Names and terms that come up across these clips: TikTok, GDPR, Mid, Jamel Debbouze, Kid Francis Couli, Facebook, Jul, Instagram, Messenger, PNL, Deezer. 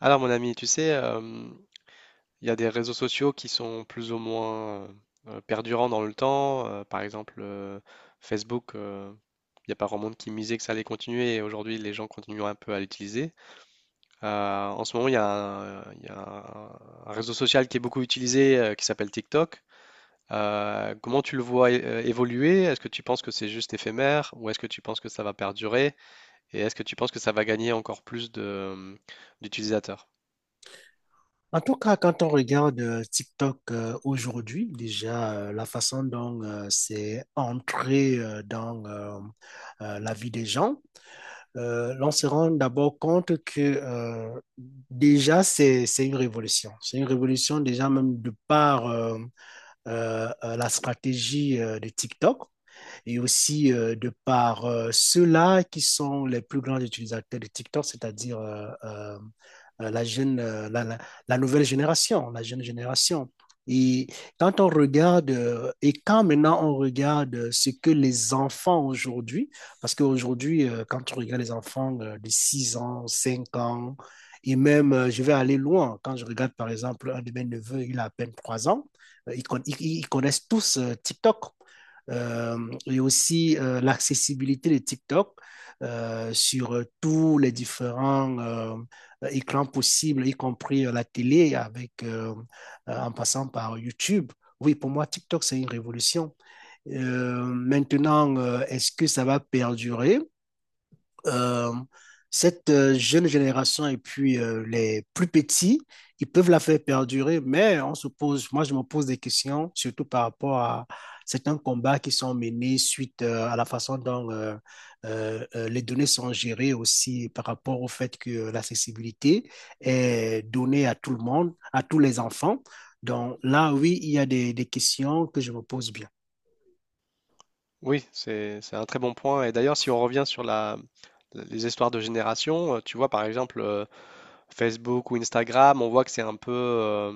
Alors mon ami, tu sais, il y a des réseaux sociaux qui sont plus ou moins perdurants dans le temps. Par exemple, Facebook, il y a pas grand monde qui misait que ça allait continuer et aujourd'hui les gens continuent un peu à l'utiliser. En ce moment, il y a un réseau social qui est beaucoup utilisé qui s'appelle TikTok. Comment tu le vois évoluer? Est-ce que tu penses que c'est juste éphémère ou est-ce que tu penses que ça va perdurer? Et est-ce que tu penses que ça va gagner encore plus d'utilisateurs? En tout cas, quand on regarde TikTok aujourd'hui, déjà la façon dont c'est entré dans la vie des gens, l'on se rend d'abord compte que déjà c'est une révolution. C'est une révolution déjà même de par la stratégie de TikTok et aussi de par ceux-là qui sont les plus grands utilisateurs de TikTok, c'est-à-dire la jeune, la nouvelle génération, la jeune génération. Et quand on regarde, et quand maintenant on regarde ce que les enfants aujourd'hui, parce qu'aujourd'hui, quand on regarde les enfants de 6 ans, 5 ans, et même, je vais aller loin, quand je regarde par exemple un de mes neveux, il a à peine 3 ans, ils connaissent tous TikTok. Et aussi l'accessibilité de TikTok sur tous les différents écrans possibles, y compris la télé, avec, en passant par YouTube. Oui, pour moi, TikTok, c'est une révolution. Maintenant, est-ce que ça va perdurer? euh, cette jeune génération et puis les plus petits, ils peuvent la faire perdurer, mais on se pose, moi je me pose des questions, surtout par rapport à certains combats qui sont menés suite à la façon dont les données sont gérées aussi par rapport au fait que l'accessibilité est donnée à tout le monde, à tous les enfants. Donc là, oui, il y a des questions que je me pose bien. Oui, c'est un très bon point. Et d'ailleurs, si on revient sur les histoires de génération, tu vois, par exemple, Facebook ou Instagram, on voit que c'est un peu euh,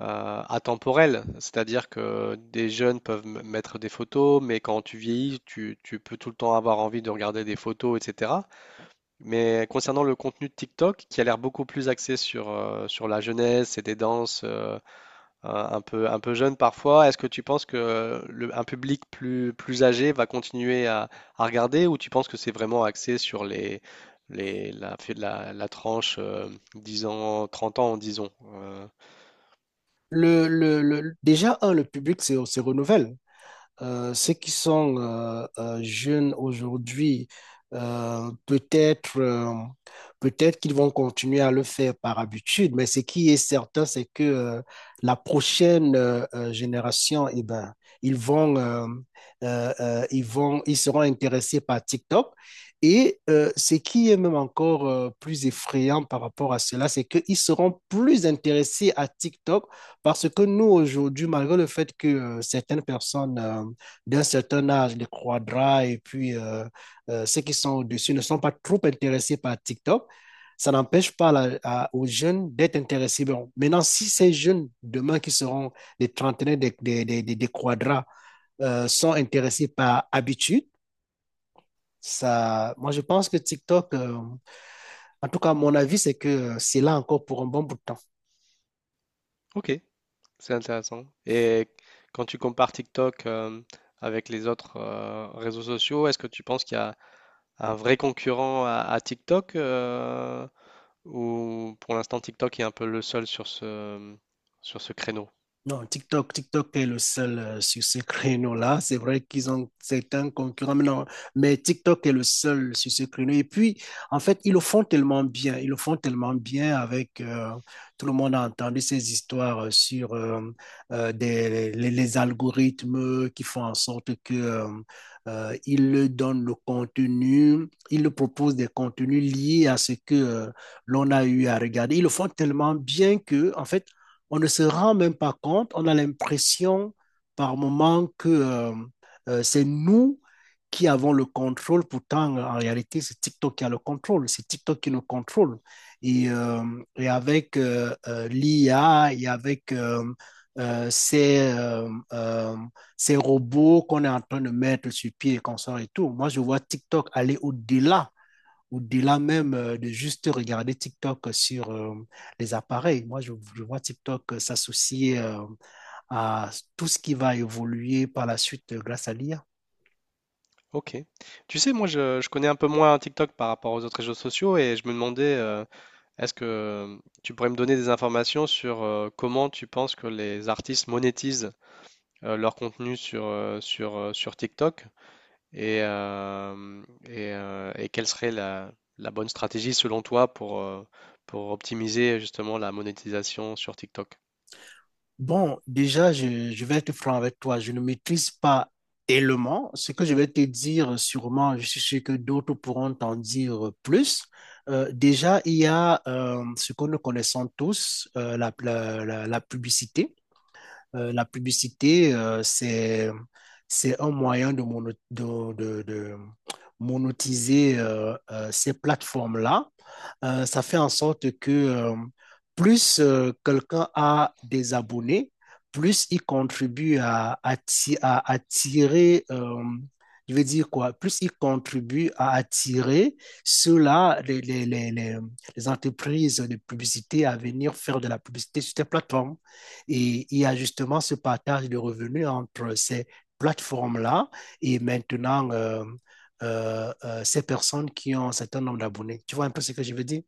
euh, atemporel. C'est-à-dire que des jeunes peuvent mettre des photos, mais quand tu vieillis, tu peux tout le temps avoir envie de regarder des photos, etc. Mais concernant le contenu de TikTok, qui a l'air beaucoup plus axé sur, sur la jeunesse et des danses un peu jeune parfois. Est-ce que tu penses que un public plus, plus âgé va continuer à regarder ou tu penses que c'est vraiment axé sur la tranche 10 ans, 30 ans, disons? Déjà, le public se renouvelle. Ceux qui sont jeunes aujourd'hui, euh, peut-être euh, peut-être qu'ils vont continuer à le faire par habitude, mais ce qui est certain, c'est que la prochaine génération, eh ben, ils vont, euh, ils vont, ils seront intéressés par TikTok. Et ce qui est même encore plus effrayant par rapport à cela, c'est qu'ils seront plus intéressés à TikTok parce que nous, aujourd'hui, malgré le fait que certaines personnes d'un certain âge, les quadras et puis ceux qui sont au-dessus ne sont pas trop intéressés par TikTok, ça n'empêche pas aux jeunes d'être intéressés. Bon, maintenant, si ces jeunes, demain, qui seront des trentenaires, des quadras, sont intéressés par habitude, ça, moi, je pense que TikTok, en tout cas, mon avis, c'est que c'est là encore pour un bon bout de temps. Ok, c'est intéressant. Et quand tu compares TikTok avec les autres réseaux sociaux, est-ce que tu penses qu'il y a un vrai concurrent à TikTok ou pour l'instant TikTok est un peu le seul sur sur ce créneau? Non, TikTok, TikTok est le seul sur ce créneau-là. C'est vrai qu'ils ont certains concurrents, mais non, mais TikTok est le seul sur ce créneau. Et puis, en fait, ils le font tellement bien, ils le font tellement bien avec tout le monde a entendu ces histoires sur les algorithmes qui font en sorte que ils le donnent le contenu, ils le proposent des contenus liés à ce que l'on a eu à regarder. Ils le font tellement bien que, en fait, on ne se rend même pas compte, on a l'impression par moment que c'est nous qui avons le contrôle, pourtant en réalité c'est TikTok qui a le contrôle, c'est TikTok qui nous contrôle. Et, euh, et avec l'IA et avec euh, ces, euh, euh, ces robots qu'on est en train de mettre sur pied et qu'on sort et tout, moi je vois TikTok aller au-delà même de juste regarder TikTok sur les appareils. Moi, je vois TikTok s'associer à tout ce qui va évoluer par la suite grâce à l'IA. Ok. Tu sais, moi, je connais un peu moins TikTok par rapport aux autres réseaux sociaux et je me demandais, est-ce que tu pourrais me donner des informations sur comment tu penses que les artistes monétisent leur contenu sur TikTok et, euh, et quelle serait la bonne stratégie selon toi pour optimiser justement la monétisation sur TikTok? Bon, déjà, je vais être franc avec toi. Je ne maîtrise pas tellement. Ce que je vais te dire, sûrement, je suis sûr que d'autres pourront t'en dire plus. Déjà, il y a ce que nous connaissons tous, la publicité. La publicité, c'est un moyen de, mono- de monétiser ces plateformes-là ça fait en sorte que plus quelqu'un a des abonnés, plus il contribue à attirer, je veux dire quoi, plus il contribue à attirer ceux-là, les entreprises de publicité à venir faire de la publicité sur ces plateformes. Et il y a justement ce partage de revenus entre ces plateformes-là et maintenant ces personnes qui ont un certain nombre d'abonnés. Tu vois un peu ce que je veux dire?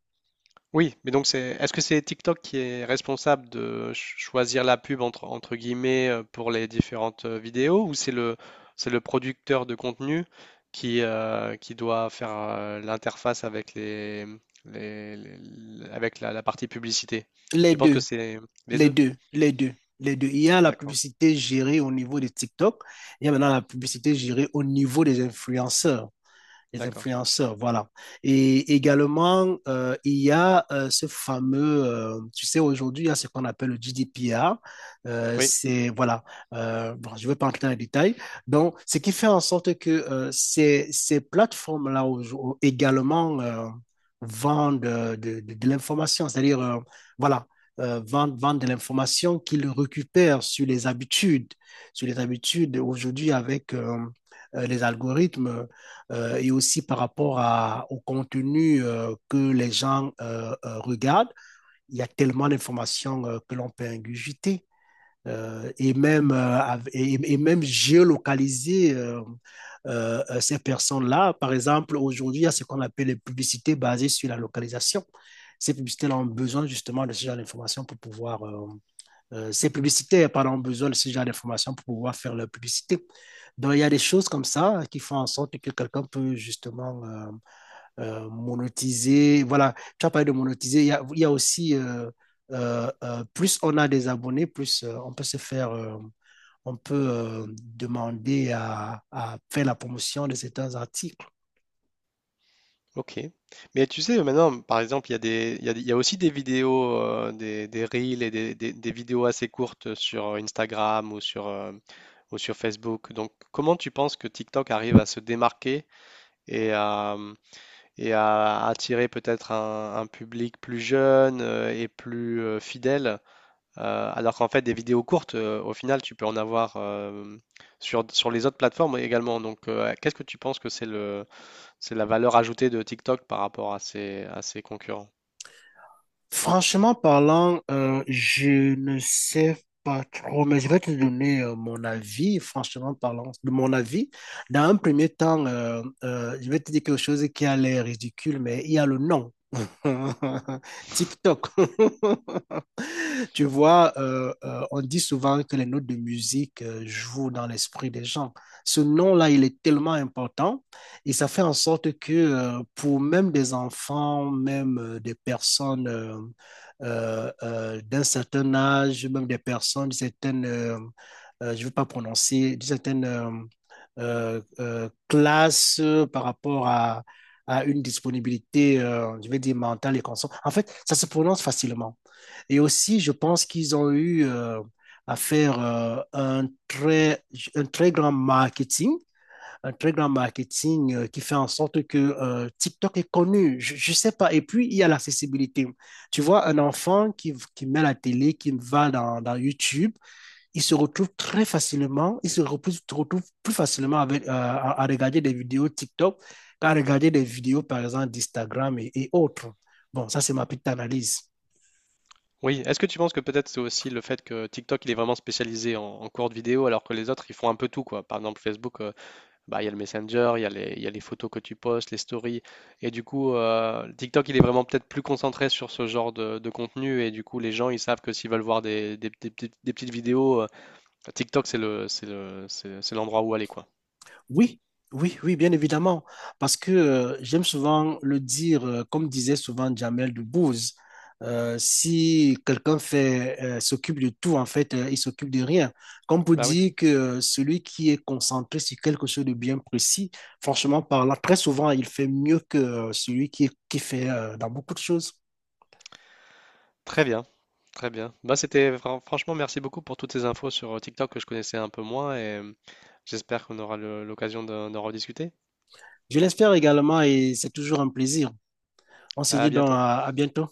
Oui, mais donc est-ce que c'est TikTok qui est responsable de choisir la pub entre, entre guillemets pour les différentes vidéos ou c'est c'est le producteur de contenu qui doit faire l'interface avec avec la partie publicité? Les Tu penses que deux, c'est les les deux? deux, les deux, les deux. Il y a la D'accord, publicité gérée au niveau de TikTok, il y a maintenant la publicité gérée au niveau des influenceurs. Les d'accord. influenceurs, voilà. Et également, il y a ce fameux, tu sais, aujourd'hui, il y a ce qu'on appelle le GDPR. Euh, Oui. c'est, voilà, bon, je ne vais pas entrer dans les détails. Donc, ce qui fait en sorte que ces plateformes-là également vendent de l'information, c'est-à-dire, voilà, vendent de l'information qu'ils récupèrent sur les habitudes aujourd'hui avec les algorithmes et aussi par rapport à, au contenu que les gens regardent. Il y a tellement d'informations que l'on peut ingurgiter et, même, même géolocaliser. Ces personnes-là, par exemple, aujourd'hui, il y a ce qu'on appelle les publicités basées sur la localisation. Ces publicités-là ont besoin justement de ce genre d'informations pour pouvoir ces publicitaires, pardon, ont besoin de ce genre d'informations pour pouvoir faire leur publicité. Donc, il y a des choses comme ça qui font en sorte que quelqu'un peut justement monétiser. Voilà, tu as parlé de monétiser. Il y a aussi, plus on a des abonnés, plus on peut se faire, on peut demander à faire la promotion de certains articles. Ok. Mais tu sais, maintenant, par exemple, il y a aussi des vidéos, des reels et des vidéos assez courtes sur Instagram ou sur Facebook. Donc, comment tu penses que TikTok arrive à se démarquer et à, et à attirer peut-être un public plus jeune et plus fidèle, alors qu'en fait, des vidéos courtes, au final, tu peux en avoir sur les autres plateformes également. Donc, qu'est-ce que tu penses que c'est la valeur ajoutée de TikTok par rapport à à ses concurrents. Franchement parlant, je ne sais pas trop, mais je vais te donner mon avis, franchement parlant, de mon avis. Dans un premier temps, je vais te dire quelque chose qui a l'air ridicule, mais il y a le nom. TikTok. Tu vois, on dit souvent que les notes de musique jouent dans l'esprit des gens. Ce nom-là, il est tellement important. Et ça fait en sorte que pour même des enfants, même des personnes d'un certain âge, même des personnes, d'une certaine, je ne veux pas prononcer, d'une certaine classe par rapport à une disponibilité, je vais dire mentale et consciente. En fait, ça se prononce facilement. Et aussi, je pense qu'ils ont eu à faire un très grand marketing qui fait en sorte que TikTok est connu. Je ne sais pas. Et puis, il y a l'accessibilité. Tu vois, un enfant qui met la télé, qui va dans YouTube, il se retrouve très facilement, il se retrouve plus facilement avec, à, regarder des vidéos TikTok qu'à regarder des vidéos, par exemple, d'Instagram et autres. Bon, ça, c'est ma petite analyse. Oui, est-ce que tu penses que peut-être c'est aussi le fait que TikTok il est vraiment spécialisé en courte vidéo alors que les autres ils font un peu tout quoi. Par exemple Facebook, bah, il y a le Messenger, il y a les photos que tu postes, les stories et du coup TikTok il est vraiment peut-être plus concentré sur ce genre de contenu et du coup les gens ils savent que s'ils veulent voir des petites vidéos, TikTok c'est le, c'est le, c'est l'endroit où aller quoi. Oui, oui, oui, bien évidemment. Parce que j'aime souvent le dire, comme disait souvent Jamel Debbouze, si quelqu'un fait, s'occupe de tout, en fait, il s'occupe de rien. Comme pour Bah oui. dire que celui qui est concentré sur quelque chose de bien précis, franchement parlant, très souvent, il fait mieux que celui qui fait dans beaucoup de choses. Très bien, très bien. Bah, c'était franchement merci beaucoup pour toutes ces infos sur TikTok que je connaissais un peu moins et j'espère qu'on aura l'occasion d'en rediscuter. Je l'espère également et c'est toujours un plaisir. On se dit À donc bientôt. à bientôt.